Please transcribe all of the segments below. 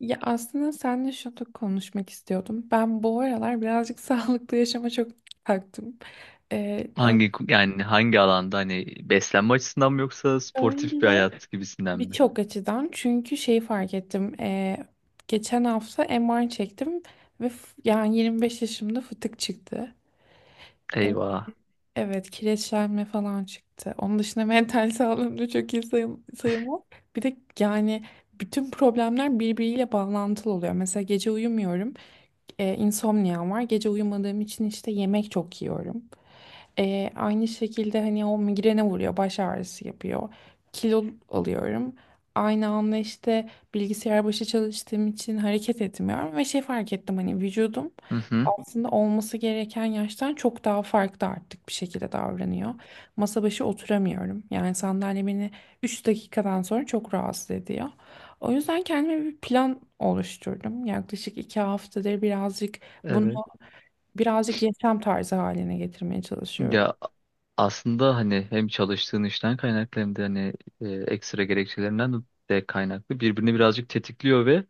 Ya aslında seninle şunu konuşmak istiyordum. Ben bu aralar birazcık sağlıklı yaşama çok taktım. Ee, Hangi alanda hani beslenme açısından mı yoksa sportif bir öyle hayat gibisinden mi? birçok açıdan çünkü şeyi fark ettim. Geçen hafta MR çektim ve yani 25 yaşımda fıtık çıktı. E, Eyvah. evet, kireçlenme falan çıktı. Onun dışında mental sağlığım da çok iyi sayım, sayılmaz. Bir de yani bütün problemler birbiriyle bağlantılı oluyor. Mesela gece uyumuyorum. E, insomniam var. Gece uyumadığım için işte yemek çok yiyorum. Aynı şekilde hani o migrene vuruyor, baş ağrısı yapıyor. Kilo alıyorum. Aynı anda işte bilgisayar başı çalıştığım için hareket etmiyorum ve şey fark ettim hani vücudum Hı hı. aslında olması gereken yaştan çok daha farklı artık bir şekilde davranıyor. Masa başı oturamıyorum. Yani sandalye beni 3 dakikadan sonra çok rahatsız ediyor. O yüzden kendime bir plan oluşturdum. Yaklaşık 2 haftadır birazcık bunu Evet. birazcık yaşam tarzı haline getirmeye çalışıyorum. Ya, aslında hani hem çalıştığın işten kaynaklı hem de hani ekstra gerekçelerinden de kaynaklı birbirini birazcık tetikliyor ve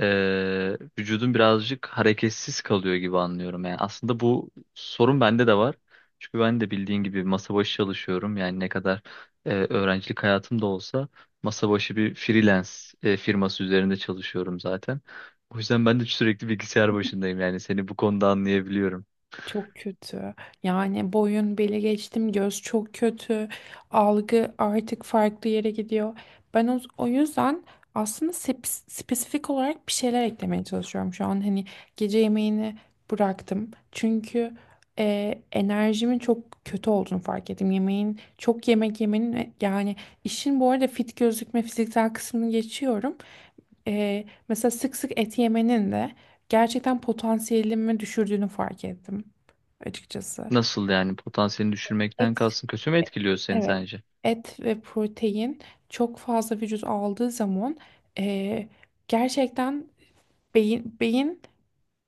vücudun birazcık hareketsiz kalıyor gibi anlıyorum. Yani aslında bu sorun bende de var. Çünkü ben de bildiğin gibi masa başı çalışıyorum. Yani ne kadar öğrencilik hayatım da olsa masa başı bir freelance firması üzerinde çalışıyorum zaten. O yüzden ben de sürekli bilgisayar başındayım. Yani seni bu konuda anlayabiliyorum. Çok kötü. Yani boyun beli geçtim, göz çok kötü. Algı artık farklı yere gidiyor. Ben o yüzden aslında spesifik olarak bir şeyler eklemeye çalışıyorum şu an. Hani gece yemeğini bıraktım. Çünkü enerjimin çok kötü olduğunu fark ettim. Yemeğin, çok yemek yemenin ve yani işin bu arada fit gözükme fiziksel kısmını geçiyorum. Mesela sık sık et yemenin de gerçekten potansiyelimi düşürdüğünü fark ettim açıkçası. Nasıl yani potansiyelini Et. düşürmekten kalsın kötü mü etkiliyor seni Evet. sence? Et ve protein çok fazla vücut aldığı zaman eee, gerçekten beyin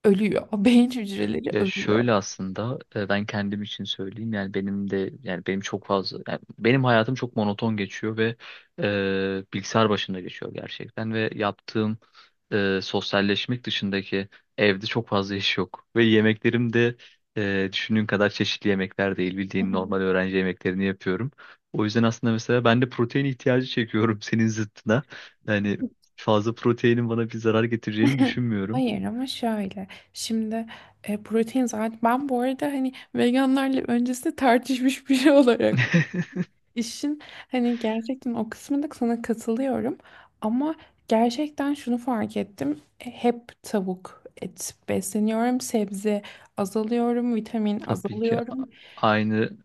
ölüyor. O beyin hücreleri Ya ölüyor. şöyle aslında ben kendim için söyleyeyim yani benim de yani benim çok fazla yani benim hayatım çok monoton geçiyor ve bilgisayar başında geçiyor gerçekten ve yaptığım sosyalleşmek dışındaki evde çok fazla iş yok ve yemeklerim de düşündüğün kadar çeşitli yemekler değil Hı bildiğin hı. normal öğrenci yemeklerini yapıyorum. O yüzden aslında mesela ben de protein ihtiyacı çekiyorum senin zıttına yani fazla proteinin bana bir zarar getireceğini düşünmüyorum. Hayır ama şöyle şimdi protein zaten ben bu arada hani veganlarla öncesinde tartışmış biri olarak İşin hani gerçekten o kısmında sana katılıyorum ama gerçekten şunu fark ettim. Hep tavuk, et besleniyorum, sebze azalıyorum, vitamin Tabii ki azalıyorum. aynı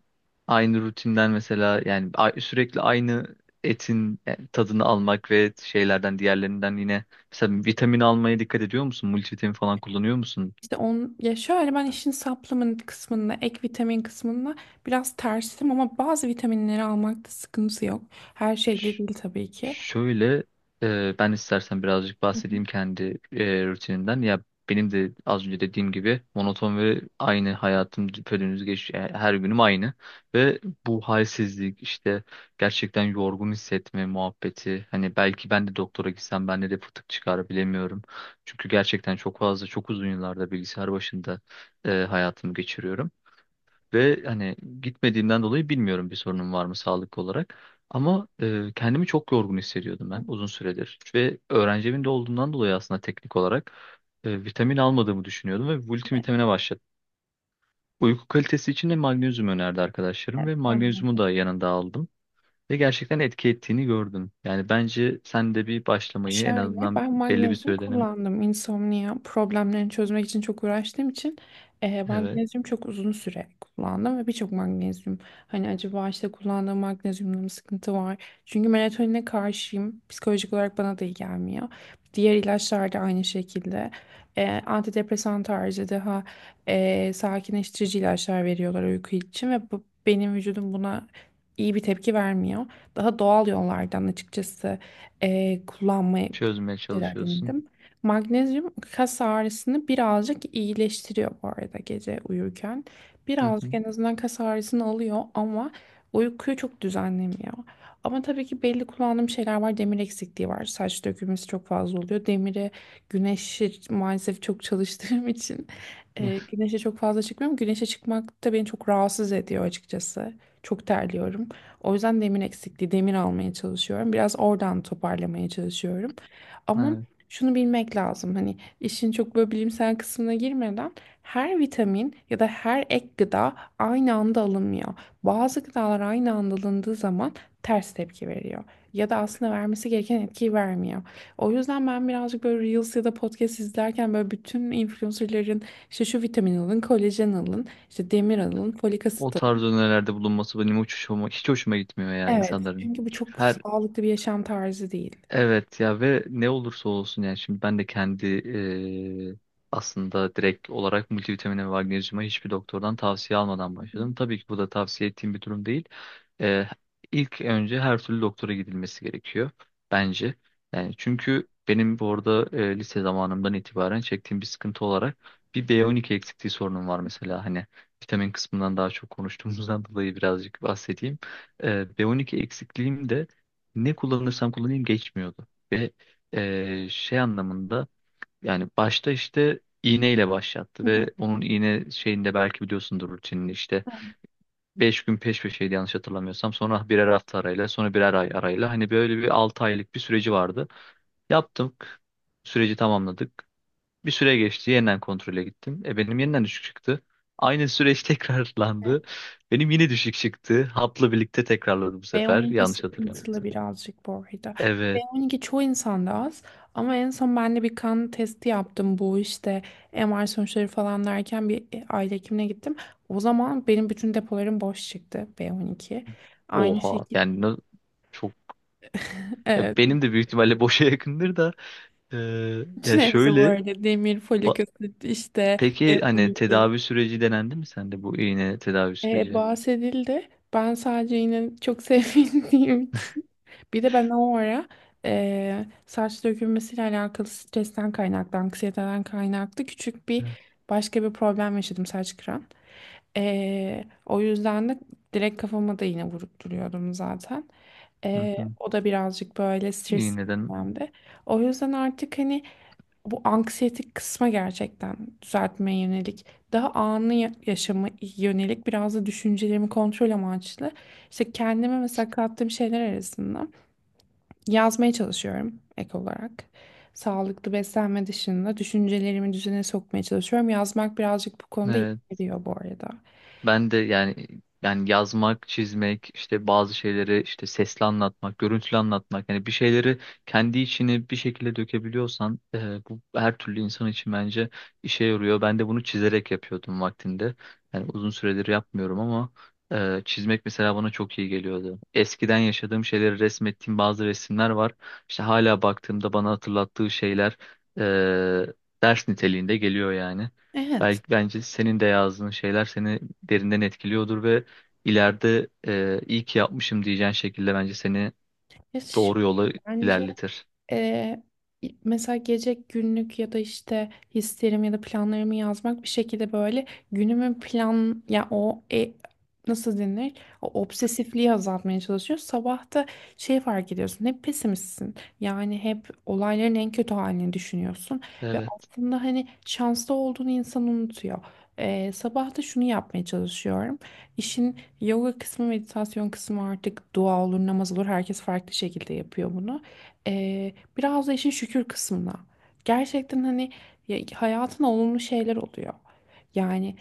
aynı rutinden mesela yani sürekli aynı etin tadını almak ve şeylerden diğerlerinden yine mesela vitamin almaya dikkat ediyor musun? Multivitamin falan kullanıyor musun? İşte on ya şöyle ben işin supplement kısmında, ek vitamin kısmında biraz tersim ama bazı vitaminleri almakta sıkıntı yok. Her şey de değil tabii ki. Şöyle, ben istersen birazcık Hı bahsedeyim kendi rutinimden. Ya benim de az önce dediğim gibi monoton ve aynı hayatım düpedüz her günüm aynı ve bu halsizlik işte gerçekten yorgun hissetme muhabbeti. Hani belki ben de doktora gitsem bende de fıtık çıkar bilemiyorum. Çünkü gerçekten çok fazla çok uzun yıllarda bilgisayar başında hayatımı geçiriyorum. Ve hani gitmediğimden dolayı bilmiyorum bir sorunum var mı sağlık olarak. Ama kendimi çok yorgun hissediyordum hı. ben uzun süredir. Ve öğrenci evinde olduğumdan dolayı aslında teknik olarak vitamin almadığımı düşünüyordum ve Evet, multivitamine başladım. Uyku kalitesi için de magnezyum önerdi arkadaşlarım evet, ve ben magnezyumu de. da yanında aldım. Ve gerçekten etki ettiğini gördüm. Yani bence sen de bir başlamayı en Şöyle azından ben belli bir magnezyum süreden kullandım insomnia problemlerini çözmek için çok uğraştığım için evet magnezyum çok uzun süre kullandım ve birçok magnezyum hani acaba işte kullandığım magnezyumda mı sıkıntı var? Çünkü melatonine karşıyım psikolojik olarak bana da iyi gelmiyor. Diğer ilaçlar da aynı şekilde. Antidepresan tarzı daha sakinleştirici ilaçlar veriyorlar uyku için ve bu, benim vücudum buna iyi bir tepki vermiyor. Daha doğal yollardan açıkçası kullanmayı çözmeye çalışıyorsun. denedim. Magnezyum kas ağrısını birazcık iyileştiriyor bu arada gece uyurken. Hı Birazcık hı. en azından kas ağrısını alıyor ama uykuyu çok düzenlemiyor. Ama tabii ki belli kullandığım şeyler var. Demir eksikliği var. Saç dökülmesi çok fazla oluyor. Demire güneşi maalesef çok çalıştığım için güneşe çok fazla çıkmıyorum. Güneşe çıkmak da beni çok rahatsız ediyor açıkçası. Çok terliyorum. O yüzden demir eksikliği, demir almaya çalışıyorum. Biraz oradan toparlamaya çalışıyorum. Ama Evet. şunu bilmek lazım. Hani işin çok böyle bilimsel kısmına girmeden her vitamin ya da her ek gıda aynı anda alınmıyor. Bazı gıdalar aynı anda alındığı zaman ters tepki veriyor. Ya da aslında vermesi gereken etkiyi vermiyor. O yüzden ben birazcık böyle Reels ya da podcast izlerken böyle bütün influencerların işte şu vitamin alın, kolajen alın, işte demir alın, folik O asit. tarz önerilerde bulunması benim hiç hoşuma, hiç hoşuma gitmiyor ya Evet, insanların. çünkü bu Çünkü çok her. sağlıklı bir yaşam tarzı değil. Evet, ya ve ne olursa olsun yani şimdi ben de kendi aslında direkt olarak multivitamine ve magnezyuma hiçbir doktordan tavsiye almadan Hı hı. başladım. Tabii ki bu da tavsiye ettiğim bir durum değil. Eee ilk önce her türlü doktora gidilmesi gerekiyor bence. Yani çünkü benim bu arada lise zamanımdan itibaren çektiğim bir sıkıntı olarak bir B12 eksikliği sorunum var mesela hani vitamin kısmından daha çok konuştuğumuzdan dolayı birazcık bahsedeyim. Eee, B12 eksikliğim de ne kullanırsam kullanayım geçmiyordu. Ve şey anlamında yani başta işte iğneyle başlattı ve onun iğne şeyinde belki biliyorsundur rutinini işte 5 gün peş peşeydi yanlış hatırlamıyorsam sonra birer hafta arayla sonra birer ay arayla hani böyle bir 6 aylık bir süreci vardı. Yaptık süreci tamamladık bir süre geçti yeniden kontrole gittim benim yeniden düşük çıktı. Aynı süreç tekrarlandı. Evet. Benim yine düşük çıktı. Hapla birlikte tekrarladı bu sefer. B12 Yanlış sıkıntılı hatırlamıyorsam. birazcık bu arada. Evet. B12 çoğu insanda az ama en son ben de bir kan testi yaptım bu işte MR sonuçları falan derken bir aile hekimine gittim. O zaman benim bütün depolarım boş çıktı B12. Aynı Oha şekilde yani çok ya evet. benim de büyük ihtimalle boşa yakındır da ya Bütün hepsi bu şöyle arada demir, folik ba- asit işte peki hani B12. tedavi süreci denendi mi sende bu iğne tedavi Ee, süreci? bahsedildi. Ben sadece yine çok sevindiğim için. Bir de ben o ara saç dökülmesiyle alakalı stresten kaynaklı, anksiyeteden kaynaklı küçük bir Hı başka bir problem yaşadım saç kıran. O yüzden de direkt kafama da yine vurup duruyordum zaten. hı. Eee, Hı. o da birazcık böyle stres İğneden dönemde. O yüzden artık hani bu anksiyetik kısma gerçekten düzeltmeye yönelik, daha anı yaşama yönelik biraz da düşüncelerimi kontrol amaçlı. İşte kendime mesela kattığım şeyler arasında yazmaya çalışıyorum ek olarak. Sağlıklı beslenme dışında düşüncelerimi düzene sokmaya çalışıyorum. Yazmak birazcık bu konuda iyi evet. geliyor bu arada. Ben de yani yazmak, çizmek, işte bazı şeyleri işte sesli anlatmak, görüntülü anlatmak yani bir şeyleri kendi içine bir şekilde dökebiliyorsan bu her türlü insan için bence işe yarıyor. Ben de bunu çizerek yapıyordum vaktinde. Yani uzun süredir yapmıyorum ama çizmek mesela bana çok iyi geliyordu. Eskiden yaşadığım şeyleri resmettiğim bazı resimler var. İşte hala baktığımda bana hatırlattığı şeyler e, ders niteliğinde geliyor yani. Evet. Belki bence senin de yazdığın şeyler seni derinden etkiliyordur ve ileride iyi ki yapmışım diyeceğin şekilde bence seni Ya doğru yola bence. ilerletir. Ee, mesela gece günlük ya da işte hislerimi ya da planlarımı yazmak bir şekilde böyle günümün plan ya o nasıl denir? O obsesifliği azaltmaya çalışıyor. Sabah da şey fark ediyorsun. Hep pesimistsin. Yani hep olayların en kötü halini düşünüyorsun ve Evet. aslında hani şanslı olduğunu insan unutuyor. Sabah da şunu yapmaya çalışıyorum. İşin yoga kısmı, meditasyon kısmı artık dua olur, namaz olur. Herkes farklı şekilde yapıyor bunu. Biraz da işin şükür kısmına. Gerçekten hani hayatın olumlu şeyler oluyor. Yani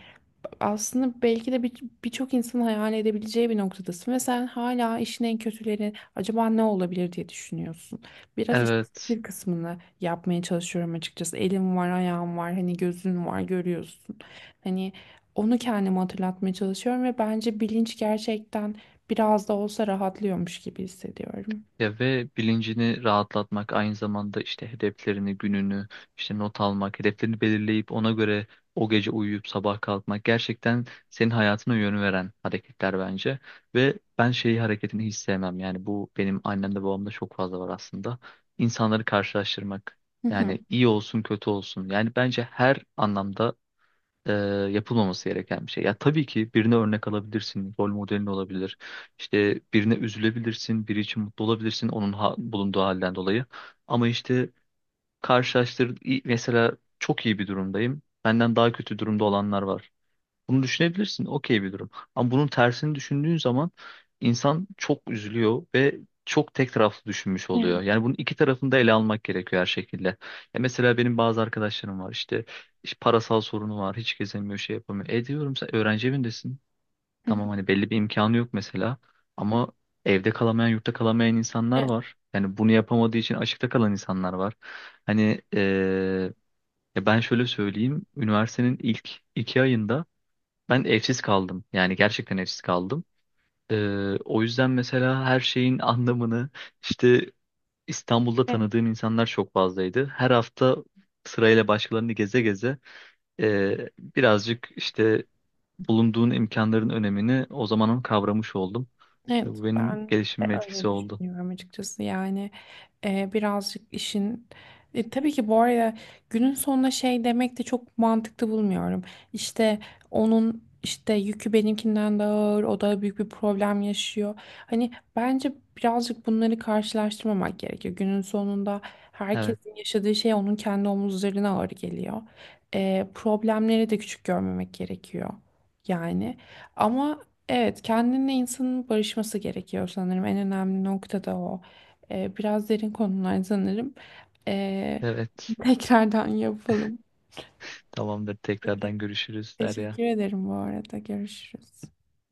aslında belki de birçok insanın hayal edebileceği bir noktadasın ve sen hala işin en kötüleri acaba ne olabilir diye düşünüyorsun. Biraz işin Evet. şükür kısmını yapmaya çalışıyorum açıkçası. Elim var, ayağım var, hani gözün var, görüyorsun. Hani onu kendime hatırlatmaya çalışıyorum ve bence bilinç gerçekten biraz da olsa rahatlıyormuş gibi hissediyorum. Ya ve bilincini rahatlatmak aynı zamanda işte hedeflerini, gününü, işte not almak, hedeflerini belirleyip ona göre o gece uyuyup sabah kalkmak gerçekten senin hayatına yön veren hareketler bence. Ve ben şeyi hareketini hiç sevmem. Yani bu benim annemde babamda çok fazla var aslında. İnsanları karşılaştırmak. Hı hı. Yani iyi olsun kötü olsun. Yani bence her anlamda e, yapılmaması gereken bir şey. Ya tabii ki birine örnek alabilirsin, rol modelin olabilir. İşte birine üzülebilirsin, biri için mutlu olabilirsin onun bulunduğu halden dolayı. Ama işte mesela çok iyi bir durumdayım. Benden daha kötü durumda olanlar var. Bunu düşünebilirsin. Okey bir durum. Ama bunun tersini düşündüğün zaman insan çok üzülüyor ve çok tek taraflı düşünmüş Evet. oluyor. Yani bunun iki tarafını da ele almak gerekiyor her şekilde. Ya mesela benim bazı arkadaşlarım var işte, işte parasal sorunu var. Hiç gezemiyor, şey yapamıyor. E diyorum sen öğrenci evindesin. Hı Tamam hani belli bir imkanı yok mesela. Ama evde kalamayan, yurtta kalamayan insanlar hı. var. Yani bunu yapamadığı için açıkta kalan insanlar var. Hani ya ben şöyle söyleyeyim. Üniversitenin ilk 2 ayında ben evsiz kaldım. Yani gerçekten evsiz kaldım. O yüzden mesela her şeyin anlamını işte İstanbul'da Evet, tanıdığım insanlar çok fazlaydı. Her hafta sırayla başkalarını geze geze birazcık işte bulunduğun imkanların önemini o zamanın kavramış oldum. Ve evet, bu benim ben de gelişimime etkisi öyle oldu. düşünüyorum açıkçası. Yani birazcık işin. Tabii ki bu arada günün sonunda şey demek de çok mantıklı bulmuyorum. İşte onun işte yükü benimkinden daha ağır, o da büyük bir problem yaşıyor. Hani bence birazcık bunları karşılaştırmamak gerekiyor. Günün sonunda Evet, herkesin yaşadığı şey onun kendi omuzlarına ağır geliyor. Problemleri de küçük görmemek gerekiyor. Yani. Ama. Evet, kendinle insanın barışması gerekiyor sanırım. En önemli nokta da o. Biraz derin konular sanırım. Ee, evet. Tekrardan yapalım. Tamamdır. Tekrardan görüşürüz Derya. Teşekkür ederim bu arada. Görüşürüz.